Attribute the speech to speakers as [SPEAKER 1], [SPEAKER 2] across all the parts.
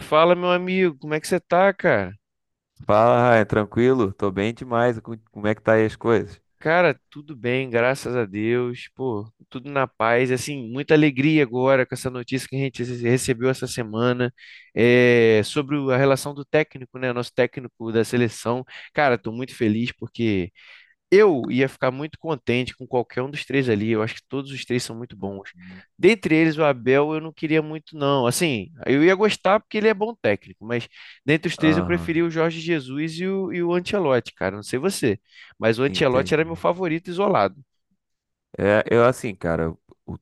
[SPEAKER 1] Fala, meu amigo, como é que você tá, cara?
[SPEAKER 2] Fala, Ryan, tranquilo? Tô bem demais. Como é que tá aí as coisas?
[SPEAKER 1] Cara, tudo bem, graças a Deus, pô, tudo na paz, assim, muita alegria agora com essa notícia que a gente recebeu essa semana, sobre a relação do técnico, né, nosso técnico da seleção. Cara, tô muito feliz porque eu ia ficar muito contente com qualquer um dos três ali. Eu acho que todos os três são muito bons.
[SPEAKER 2] Uhum.
[SPEAKER 1] Dentre eles, o Abel eu não queria muito, não. Assim, eu ia gostar porque ele é bom técnico, mas dentre os três eu preferi
[SPEAKER 2] Aham,
[SPEAKER 1] o Jorge Jesus e o Ancelotti, cara. Não sei você, mas o Ancelotti era meu
[SPEAKER 2] entendi.
[SPEAKER 1] favorito isolado.
[SPEAKER 2] É, eu assim, cara, o,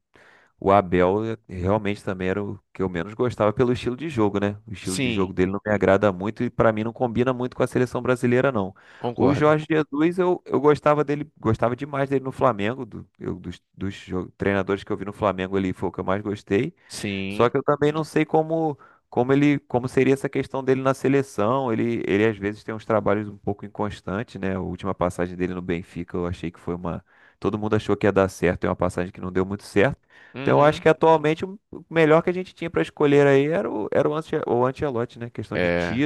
[SPEAKER 2] o Abel realmente também era o que eu menos gostava pelo estilo de jogo, né? O estilo de
[SPEAKER 1] Sim,
[SPEAKER 2] jogo dele não me agrada muito e pra mim não combina muito com a seleção brasileira, não. O
[SPEAKER 1] concordo.
[SPEAKER 2] Jorge Jesus, eu gostava dele, gostava demais dele no Flamengo, dos treinadores que eu vi no Flamengo ali, foi o que eu mais gostei. Só
[SPEAKER 1] Sim.
[SPEAKER 2] que eu também não sei como ele como seria essa questão dele na seleção. Ele às vezes tem uns trabalhos um pouco inconstantes, né? A última passagem dele no Benfica, eu achei que foi uma todo mundo achou que ia dar certo, é uma passagem que não deu muito certo. Então eu acho
[SPEAKER 1] Uhum.
[SPEAKER 2] que atualmente o melhor que a gente tinha para escolher aí era o o Ancelotti, né? Questão de
[SPEAKER 1] É,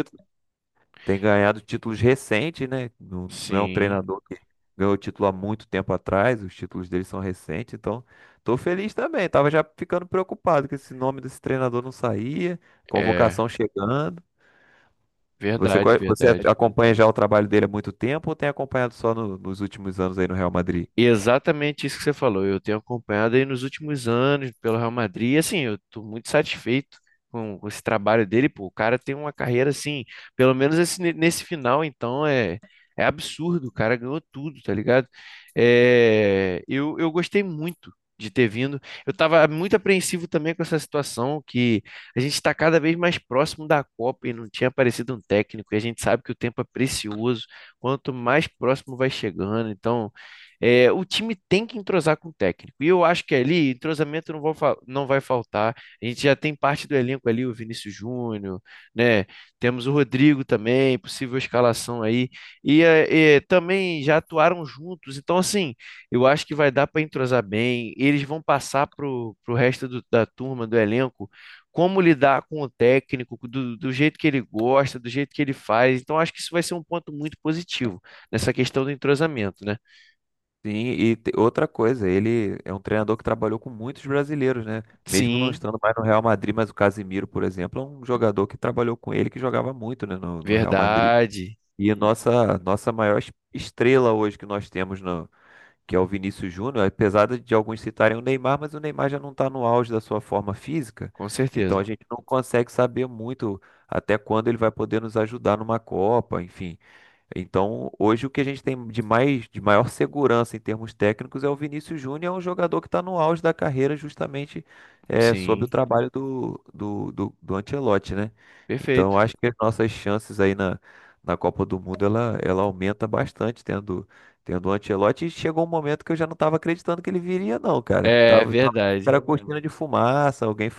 [SPEAKER 2] tem ganhado títulos recentes, né? Não, não é um
[SPEAKER 1] sim.
[SPEAKER 2] treinador que ganhou título há muito tempo atrás, os títulos dele são recentes, então tô feliz também. Tava já ficando preocupado que esse nome desse treinador não saía,
[SPEAKER 1] É,
[SPEAKER 2] convocação chegando. Você,
[SPEAKER 1] verdade,
[SPEAKER 2] você
[SPEAKER 1] verdade.
[SPEAKER 2] acompanha já o trabalho dele há muito tempo ou tem acompanhado só nos últimos anos aí no Real Madrid?
[SPEAKER 1] Exatamente isso que você falou. Eu tenho acompanhado aí nos últimos anos pelo Real Madrid. E assim, eu estou muito satisfeito com esse trabalho dele. Pô, o cara tem uma carreira assim, pelo menos nesse final, então é absurdo. O cara ganhou tudo, tá ligado? É, eu gostei muito de ter vindo. Eu estava muito apreensivo também com essa situação, que a gente está cada vez mais próximo da Copa e não tinha aparecido um técnico. E a gente sabe que o tempo é precioso, quanto mais próximo vai chegando. Então, é, o time tem que entrosar com o técnico. E eu acho que ali entrosamento não, não vai faltar. A gente já tem parte do elenco ali, o Vinícius Júnior, né? Temos o Rodrigo também, possível escalação aí. E, também já atuaram juntos. Então, assim, eu acho que vai dar para entrosar bem. Eles vão passar para o resto da turma, do elenco, como lidar com o técnico, do jeito que ele gosta, do jeito que ele faz. Então, acho que isso vai ser um ponto muito positivo nessa questão do entrosamento, né?
[SPEAKER 2] Sim, e outra coisa, ele é um treinador que trabalhou com muitos brasileiros, né? Mesmo não
[SPEAKER 1] Sim,
[SPEAKER 2] estando mais no Real Madrid, mas o Casimiro, por exemplo, é um jogador que trabalhou com ele, que jogava muito, né, no Real Madrid.
[SPEAKER 1] verdade.
[SPEAKER 2] E a nossa maior estrela hoje que nós temos, no, que é o Vinícius Júnior, apesar de alguns citarem o Neymar, mas o Neymar já não está no auge da sua forma física,
[SPEAKER 1] Com
[SPEAKER 2] então a
[SPEAKER 1] certeza.
[SPEAKER 2] gente não consegue saber muito até quando ele vai poder nos ajudar numa Copa, enfim. Então, hoje o que a gente tem de mais, de maior segurança em termos técnicos é o Vinícius Júnior, é um jogador que está no auge da carreira justamente é, sob o
[SPEAKER 1] Sim,
[SPEAKER 2] trabalho do Ancelotti, né? Então, eu
[SPEAKER 1] perfeito.
[SPEAKER 2] acho que as nossas chances aí na Copa do Mundo, ela aumenta bastante tendo o Ancelotti. E chegou um momento que eu já não estava acreditando que ele viria, não, cara.
[SPEAKER 1] É verdade.
[SPEAKER 2] Era cortina de fumaça, alguém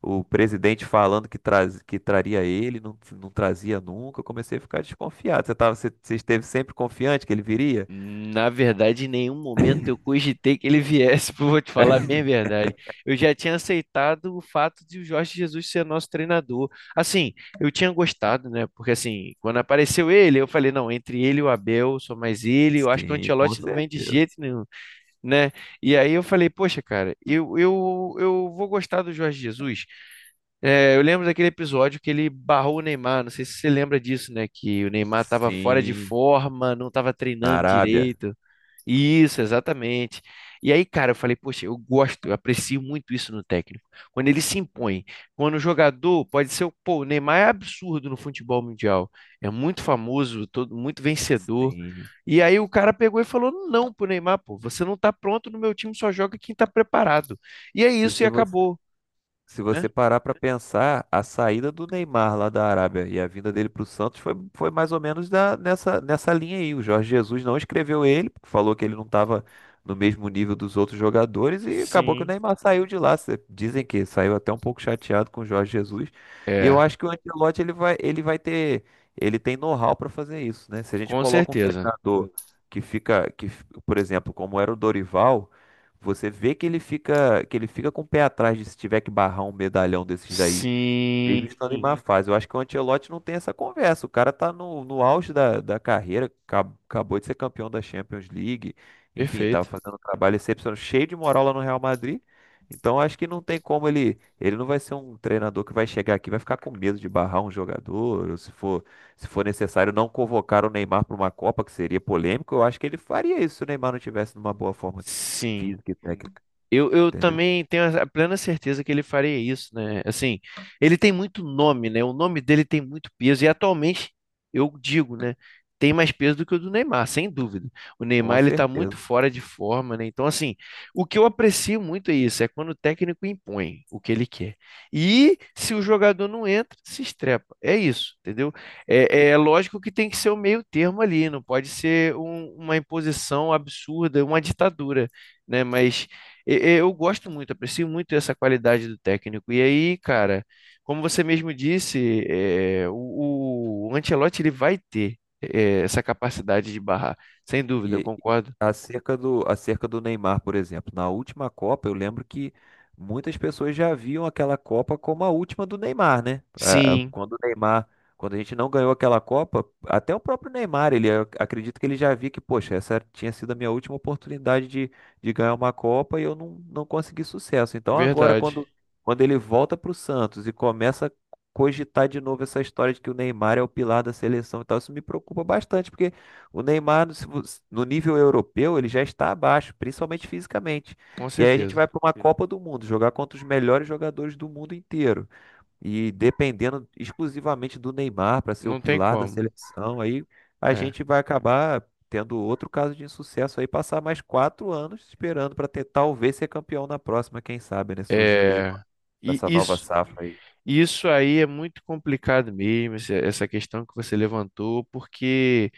[SPEAKER 2] o presidente falando que traria ele, não trazia nunca. Eu comecei a ficar desconfiado. Você esteve sempre confiante que ele viria?
[SPEAKER 1] Na verdade, em nenhum momento eu cogitei que ele viesse, vou te falar bem a verdade. Eu já tinha aceitado o fato de o Jorge Jesus ser nosso treinador. Assim, eu tinha gostado, né? Porque assim, quando apareceu ele, eu falei, não, entre ele e o Abel, só mais ele, eu acho que o
[SPEAKER 2] Sim, com
[SPEAKER 1] Ancelotti não vem de
[SPEAKER 2] certeza.
[SPEAKER 1] jeito nenhum, né? E aí eu falei, poxa, cara, eu vou gostar do Jorge Jesus. É, eu lembro daquele episódio que ele barrou o Neymar, não sei se você lembra disso, né? Que o Neymar estava fora de
[SPEAKER 2] Sim,
[SPEAKER 1] forma, não estava
[SPEAKER 2] na
[SPEAKER 1] treinando
[SPEAKER 2] Arábia.
[SPEAKER 1] direito. Isso, exatamente. E aí, cara, eu falei, poxa, eu gosto, eu aprecio muito isso no técnico. Quando ele se impõe, quando o jogador pode ser, pô, o Neymar é absurdo no futebol mundial, é muito famoso, todo, muito vencedor.
[SPEAKER 2] Sim.
[SPEAKER 1] E aí o cara pegou e falou, não, pro Neymar, pô, você não tá pronto, no meu time só joga quem tá preparado. E é
[SPEAKER 2] E
[SPEAKER 1] isso e
[SPEAKER 2] se você
[SPEAKER 1] acabou,
[SPEAKER 2] Se
[SPEAKER 1] né?
[SPEAKER 2] você parar para pensar, a saída do Neymar lá da Arábia e a vinda dele para o Santos foi mais ou menos nessa linha aí. O Jorge Jesus não escreveu ele, porque falou que ele não estava no mesmo nível dos outros jogadores e acabou que o
[SPEAKER 1] Sim.
[SPEAKER 2] Neymar saiu de lá. Dizem que saiu até um pouco chateado com o Jorge Jesus. E eu
[SPEAKER 1] É.
[SPEAKER 2] acho que o Ancelotti ele vai ele tem know-how para fazer isso, né? Se a gente
[SPEAKER 1] Com
[SPEAKER 2] coloca um
[SPEAKER 1] certeza.
[SPEAKER 2] treinador que fica, que, f- por exemplo, como era o Dorival você vê que que ele fica com o pé atrás de se tiver que barrar um medalhão desses daí mesmo estando em
[SPEAKER 1] Sim.
[SPEAKER 2] má fase. Eu acho que o Ancelotti não tem essa conversa. O cara tá no auge da carreira, acabou de ser campeão da Champions League. Enfim, tava
[SPEAKER 1] Perfeito.
[SPEAKER 2] fazendo um trabalho excepcional, cheio de moral lá no Real Madrid. Então acho que não tem como ele. Ele não vai ser um treinador que vai chegar aqui, e vai ficar com medo de barrar um jogador, ou se for necessário não convocar o Neymar para uma Copa, que seria polêmico. Eu acho que ele faria isso se o Neymar não tivesse numa boa forma
[SPEAKER 1] Sim.
[SPEAKER 2] física e técnica,
[SPEAKER 1] Eu
[SPEAKER 2] entendeu?
[SPEAKER 1] também tenho a plena certeza que ele faria isso, né? Assim, ele tem muito nome, né? O nome dele tem muito peso e atualmente eu digo, né? Tem mais peso do que o do Neymar, sem dúvida. O Neymar
[SPEAKER 2] Com
[SPEAKER 1] ele tá muito
[SPEAKER 2] certeza.
[SPEAKER 1] fora de forma, né? Então, assim, o que eu aprecio muito é isso, é quando o técnico impõe o que ele quer. E se o jogador não entra, se estrepa. É isso, entendeu? É, é lógico que tem que ser o meio termo ali, não pode ser uma imposição absurda, uma ditadura, né? Mas eu gosto muito, aprecio muito essa qualidade do técnico. E aí, cara, como você mesmo disse, o Ancelotti ele vai ter essa capacidade de barrar, sem dúvida, eu
[SPEAKER 2] E
[SPEAKER 1] concordo.
[SPEAKER 2] acerca do Neymar, por exemplo, na última Copa, eu lembro que muitas pessoas já viam aquela Copa como a última do Neymar, né?
[SPEAKER 1] Sim,
[SPEAKER 2] Quando o quando a gente não ganhou aquela Copa, até o próprio Neymar, ele eu acredito que ele já via que, poxa, essa tinha sido a minha última oportunidade de ganhar uma Copa e eu não consegui sucesso. Então agora,
[SPEAKER 1] verdade,
[SPEAKER 2] quando ele volta para o Santos e começa a cogitar de novo essa história de que o Neymar é o pilar da seleção e tal, isso me preocupa bastante, porque o Neymar, se vo- no nível europeu, ele já está abaixo, principalmente fisicamente.
[SPEAKER 1] com
[SPEAKER 2] E aí a gente
[SPEAKER 1] certeza.
[SPEAKER 2] vai para uma Copa do Mundo, jogar contra os melhores jogadores do mundo inteiro. E dependendo exclusivamente do Neymar para ser o
[SPEAKER 1] Não tem
[SPEAKER 2] pilar da
[SPEAKER 1] como.
[SPEAKER 2] seleção, aí a
[SPEAKER 1] É,
[SPEAKER 2] gente vai acabar tendo outro caso de insucesso aí, passar mais 4 anos esperando para ter talvez ser campeão na próxima, quem sabe, né? Surgindo aí com
[SPEAKER 1] é, e
[SPEAKER 2] essa nova
[SPEAKER 1] isso,
[SPEAKER 2] safra aí.
[SPEAKER 1] isso aí é muito complicado mesmo, essa questão que você levantou, porque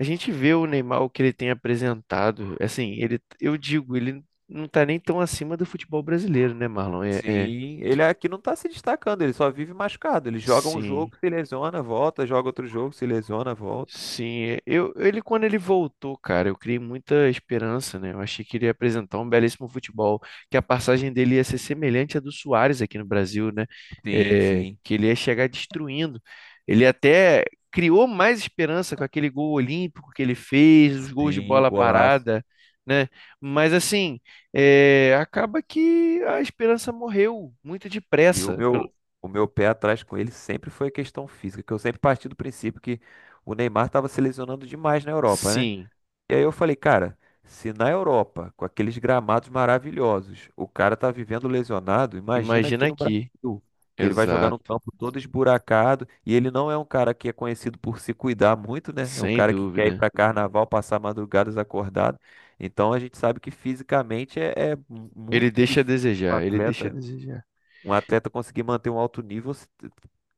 [SPEAKER 1] a gente vê o Neymar, o que ele tem apresentado, assim, ele, eu digo, ele não tá nem tão acima do futebol brasileiro, né, Marlon?
[SPEAKER 2] Sim, ele aqui não tá se destacando, ele só vive machucado. Ele joga um
[SPEAKER 1] Sim.
[SPEAKER 2] jogo, se lesiona, volta, joga outro jogo, se lesiona, volta.
[SPEAKER 1] Sim, é, ele quando ele voltou, cara, eu criei muita esperança, né? Eu achei que ele ia apresentar um belíssimo futebol, que a passagem dele ia ser semelhante à do Suárez aqui no Brasil, né?
[SPEAKER 2] Sim,
[SPEAKER 1] É,
[SPEAKER 2] sim.
[SPEAKER 1] que ele ia chegar destruindo. Ele até criou mais esperança com aquele gol olímpico que ele fez, os gols de
[SPEAKER 2] Sim, o
[SPEAKER 1] bola
[SPEAKER 2] golaço.
[SPEAKER 1] parada, né? Mas assim, é, acaba que a esperança morreu muito
[SPEAKER 2] E o
[SPEAKER 1] depressa. Pelo...
[SPEAKER 2] o meu pé atrás com ele sempre foi a questão física, que eu sempre parti do princípio que o Neymar estava se lesionando demais na Europa, né?
[SPEAKER 1] Sim,
[SPEAKER 2] E aí eu falei, cara, se na Europa, com aqueles gramados maravilhosos, o cara tá vivendo lesionado, imagina
[SPEAKER 1] imagina
[SPEAKER 2] aqui no
[SPEAKER 1] aqui.
[SPEAKER 2] Brasil, que ele vai jogar num
[SPEAKER 1] Exato,
[SPEAKER 2] campo todo esburacado, e ele não é um cara que é conhecido por se cuidar muito, né? É um
[SPEAKER 1] sem
[SPEAKER 2] cara que quer ir
[SPEAKER 1] dúvida.
[SPEAKER 2] para carnaval, passar madrugadas acordado. Então a gente sabe que fisicamente é
[SPEAKER 1] Ele
[SPEAKER 2] muito
[SPEAKER 1] deixa a
[SPEAKER 2] difícil um
[SPEAKER 1] desejar, ele deixa a
[SPEAKER 2] atleta
[SPEAKER 1] desejar.
[SPEAKER 2] um atleta conseguir manter um alto nível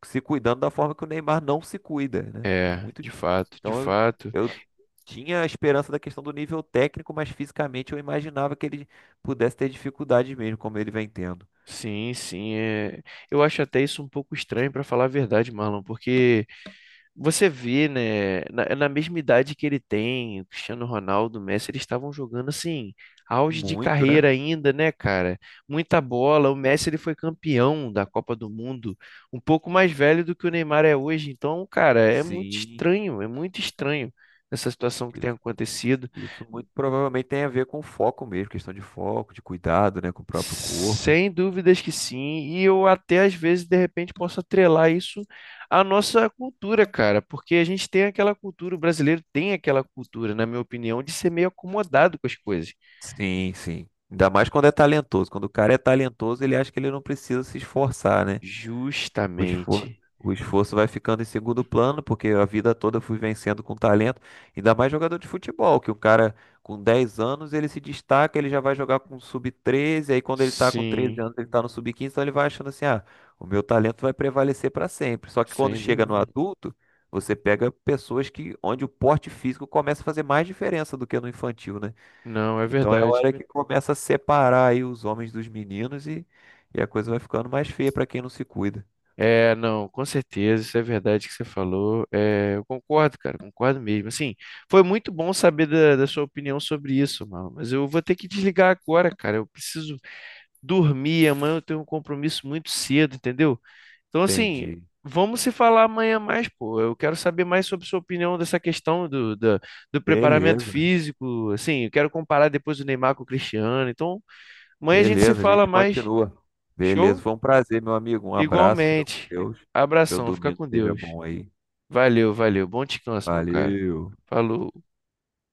[SPEAKER 2] se cuidando da forma que o Neymar não se cuida, né? É
[SPEAKER 1] É,
[SPEAKER 2] muito.
[SPEAKER 1] de fato, de
[SPEAKER 2] Então
[SPEAKER 1] fato.
[SPEAKER 2] eu tinha a esperança da questão do nível técnico, mas fisicamente eu imaginava que ele pudesse ter dificuldades mesmo, como ele vem tendo.
[SPEAKER 1] Sim, sim. é. Eu acho até isso um pouco estranho, para falar a verdade, Marlon, porque você vê, né, na mesma idade que ele tem, o Cristiano Ronaldo, o Messi, eles estavam jogando assim, auge de
[SPEAKER 2] Muito, né?
[SPEAKER 1] carreira ainda, né, cara? Muita bola. O Messi, ele foi campeão da Copa do Mundo, um pouco mais velho do que o Neymar é hoje. Então, cara,
[SPEAKER 2] Sim,
[SPEAKER 1] é muito estranho essa situação que tem
[SPEAKER 2] isso,
[SPEAKER 1] acontecido.
[SPEAKER 2] isso muito provavelmente tem a ver com foco mesmo, questão de foco, de cuidado, né, com o próprio corpo.
[SPEAKER 1] Sem dúvidas que sim, e eu até às vezes de repente posso atrelar isso à nossa cultura, cara, porque a gente tem aquela cultura, o brasileiro tem aquela cultura, na minha opinião, de ser meio acomodado com as coisas.
[SPEAKER 2] Sim, sim. Ainda mais quando é talentoso. Quando o cara é talentoso, ele acha que ele não precisa se esforçar, né?
[SPEAKER 1] Justamente.
[SPEAKER 2] O esforço vai ficando em segundo plano, porque a vida toda eu fui vencendo com talento, ainda mais jogador de futebol, que o cara com 10 anos ele se destaca, ele já vai jogar com sub 13 aí quando ele tá com 13
[SPEAKER 1] Sim,
[SPEAKER 2] anos ele tá no sub 15 então ele vai achando assim, ah, o meu talento vai prevalecer para sempre. Só que quando
[SPEAKER 1] sem
[SPEAKER 2] chega no
[SPEAKER 1] dúvida.
[SPEAKER 2] adulto, você pega pessoas que onde o porte físico começa a fazer mais diferença do que no infantil, né?
[SPEAKER 1] Não, é
[SPEAKER 2] Então é a
[SPEAKER 1] verdade.
[SPEAKER 2] hora que começa a separar aí os homens dos meninos e a coisa vai ficando mais feia para quem não se cuida.
[SPEAKER 1] É, não, com certeza, isso é verdade que você falou. É, eu concordo, cara, concordo mesmo. Assim, foi muito bom saber da sua opinião sobre isso, mano, mas eu vou ter que desligar agora, cara, eu preciso dormir, amanhã eu tenho um compromisso muito cedo, entendeu? Então, assim,
[SPEAKER 2] Entendi.
[SPEAKER 1] vamos se falar amanhã mais, pô. Eu quero saber mais sobre sua opinião dessa questão do preparamento
[SPEAKER 2] Beleza,
[SPEAKER 1] físico, assim, eu quero comparar depois o Neymar com o Cristiano. Então, amanhã a gente se
[SPEAKER 2] beleza, a
[SPEAKER 1] fala
[SPEAKER 2] gente
[SPEAKER 1] mais.
[SPEAKER 2] continua. Beleza,
[SPEAKER 1] Show?
[SPEAKER 2] foi um prazer, meu amigo. Um abraço, fica com
[SPEAKER 1] Igualmente.
[SPEAKER 2] Deus. Seu
[SPEAKER 1] Abração, fica
[SPEAKER 2] domingo
[SPEAKER 1] com
[SPEAKER 2] seja
[SPEAKER 1] Deus.
[SPEAKER 2] bom aí.
[SPEAKER 1] Valeu, valeu. Bom descanso, meu caro.
[SPEAKER 2] Valeu.
[SPEAKER 1] Falou.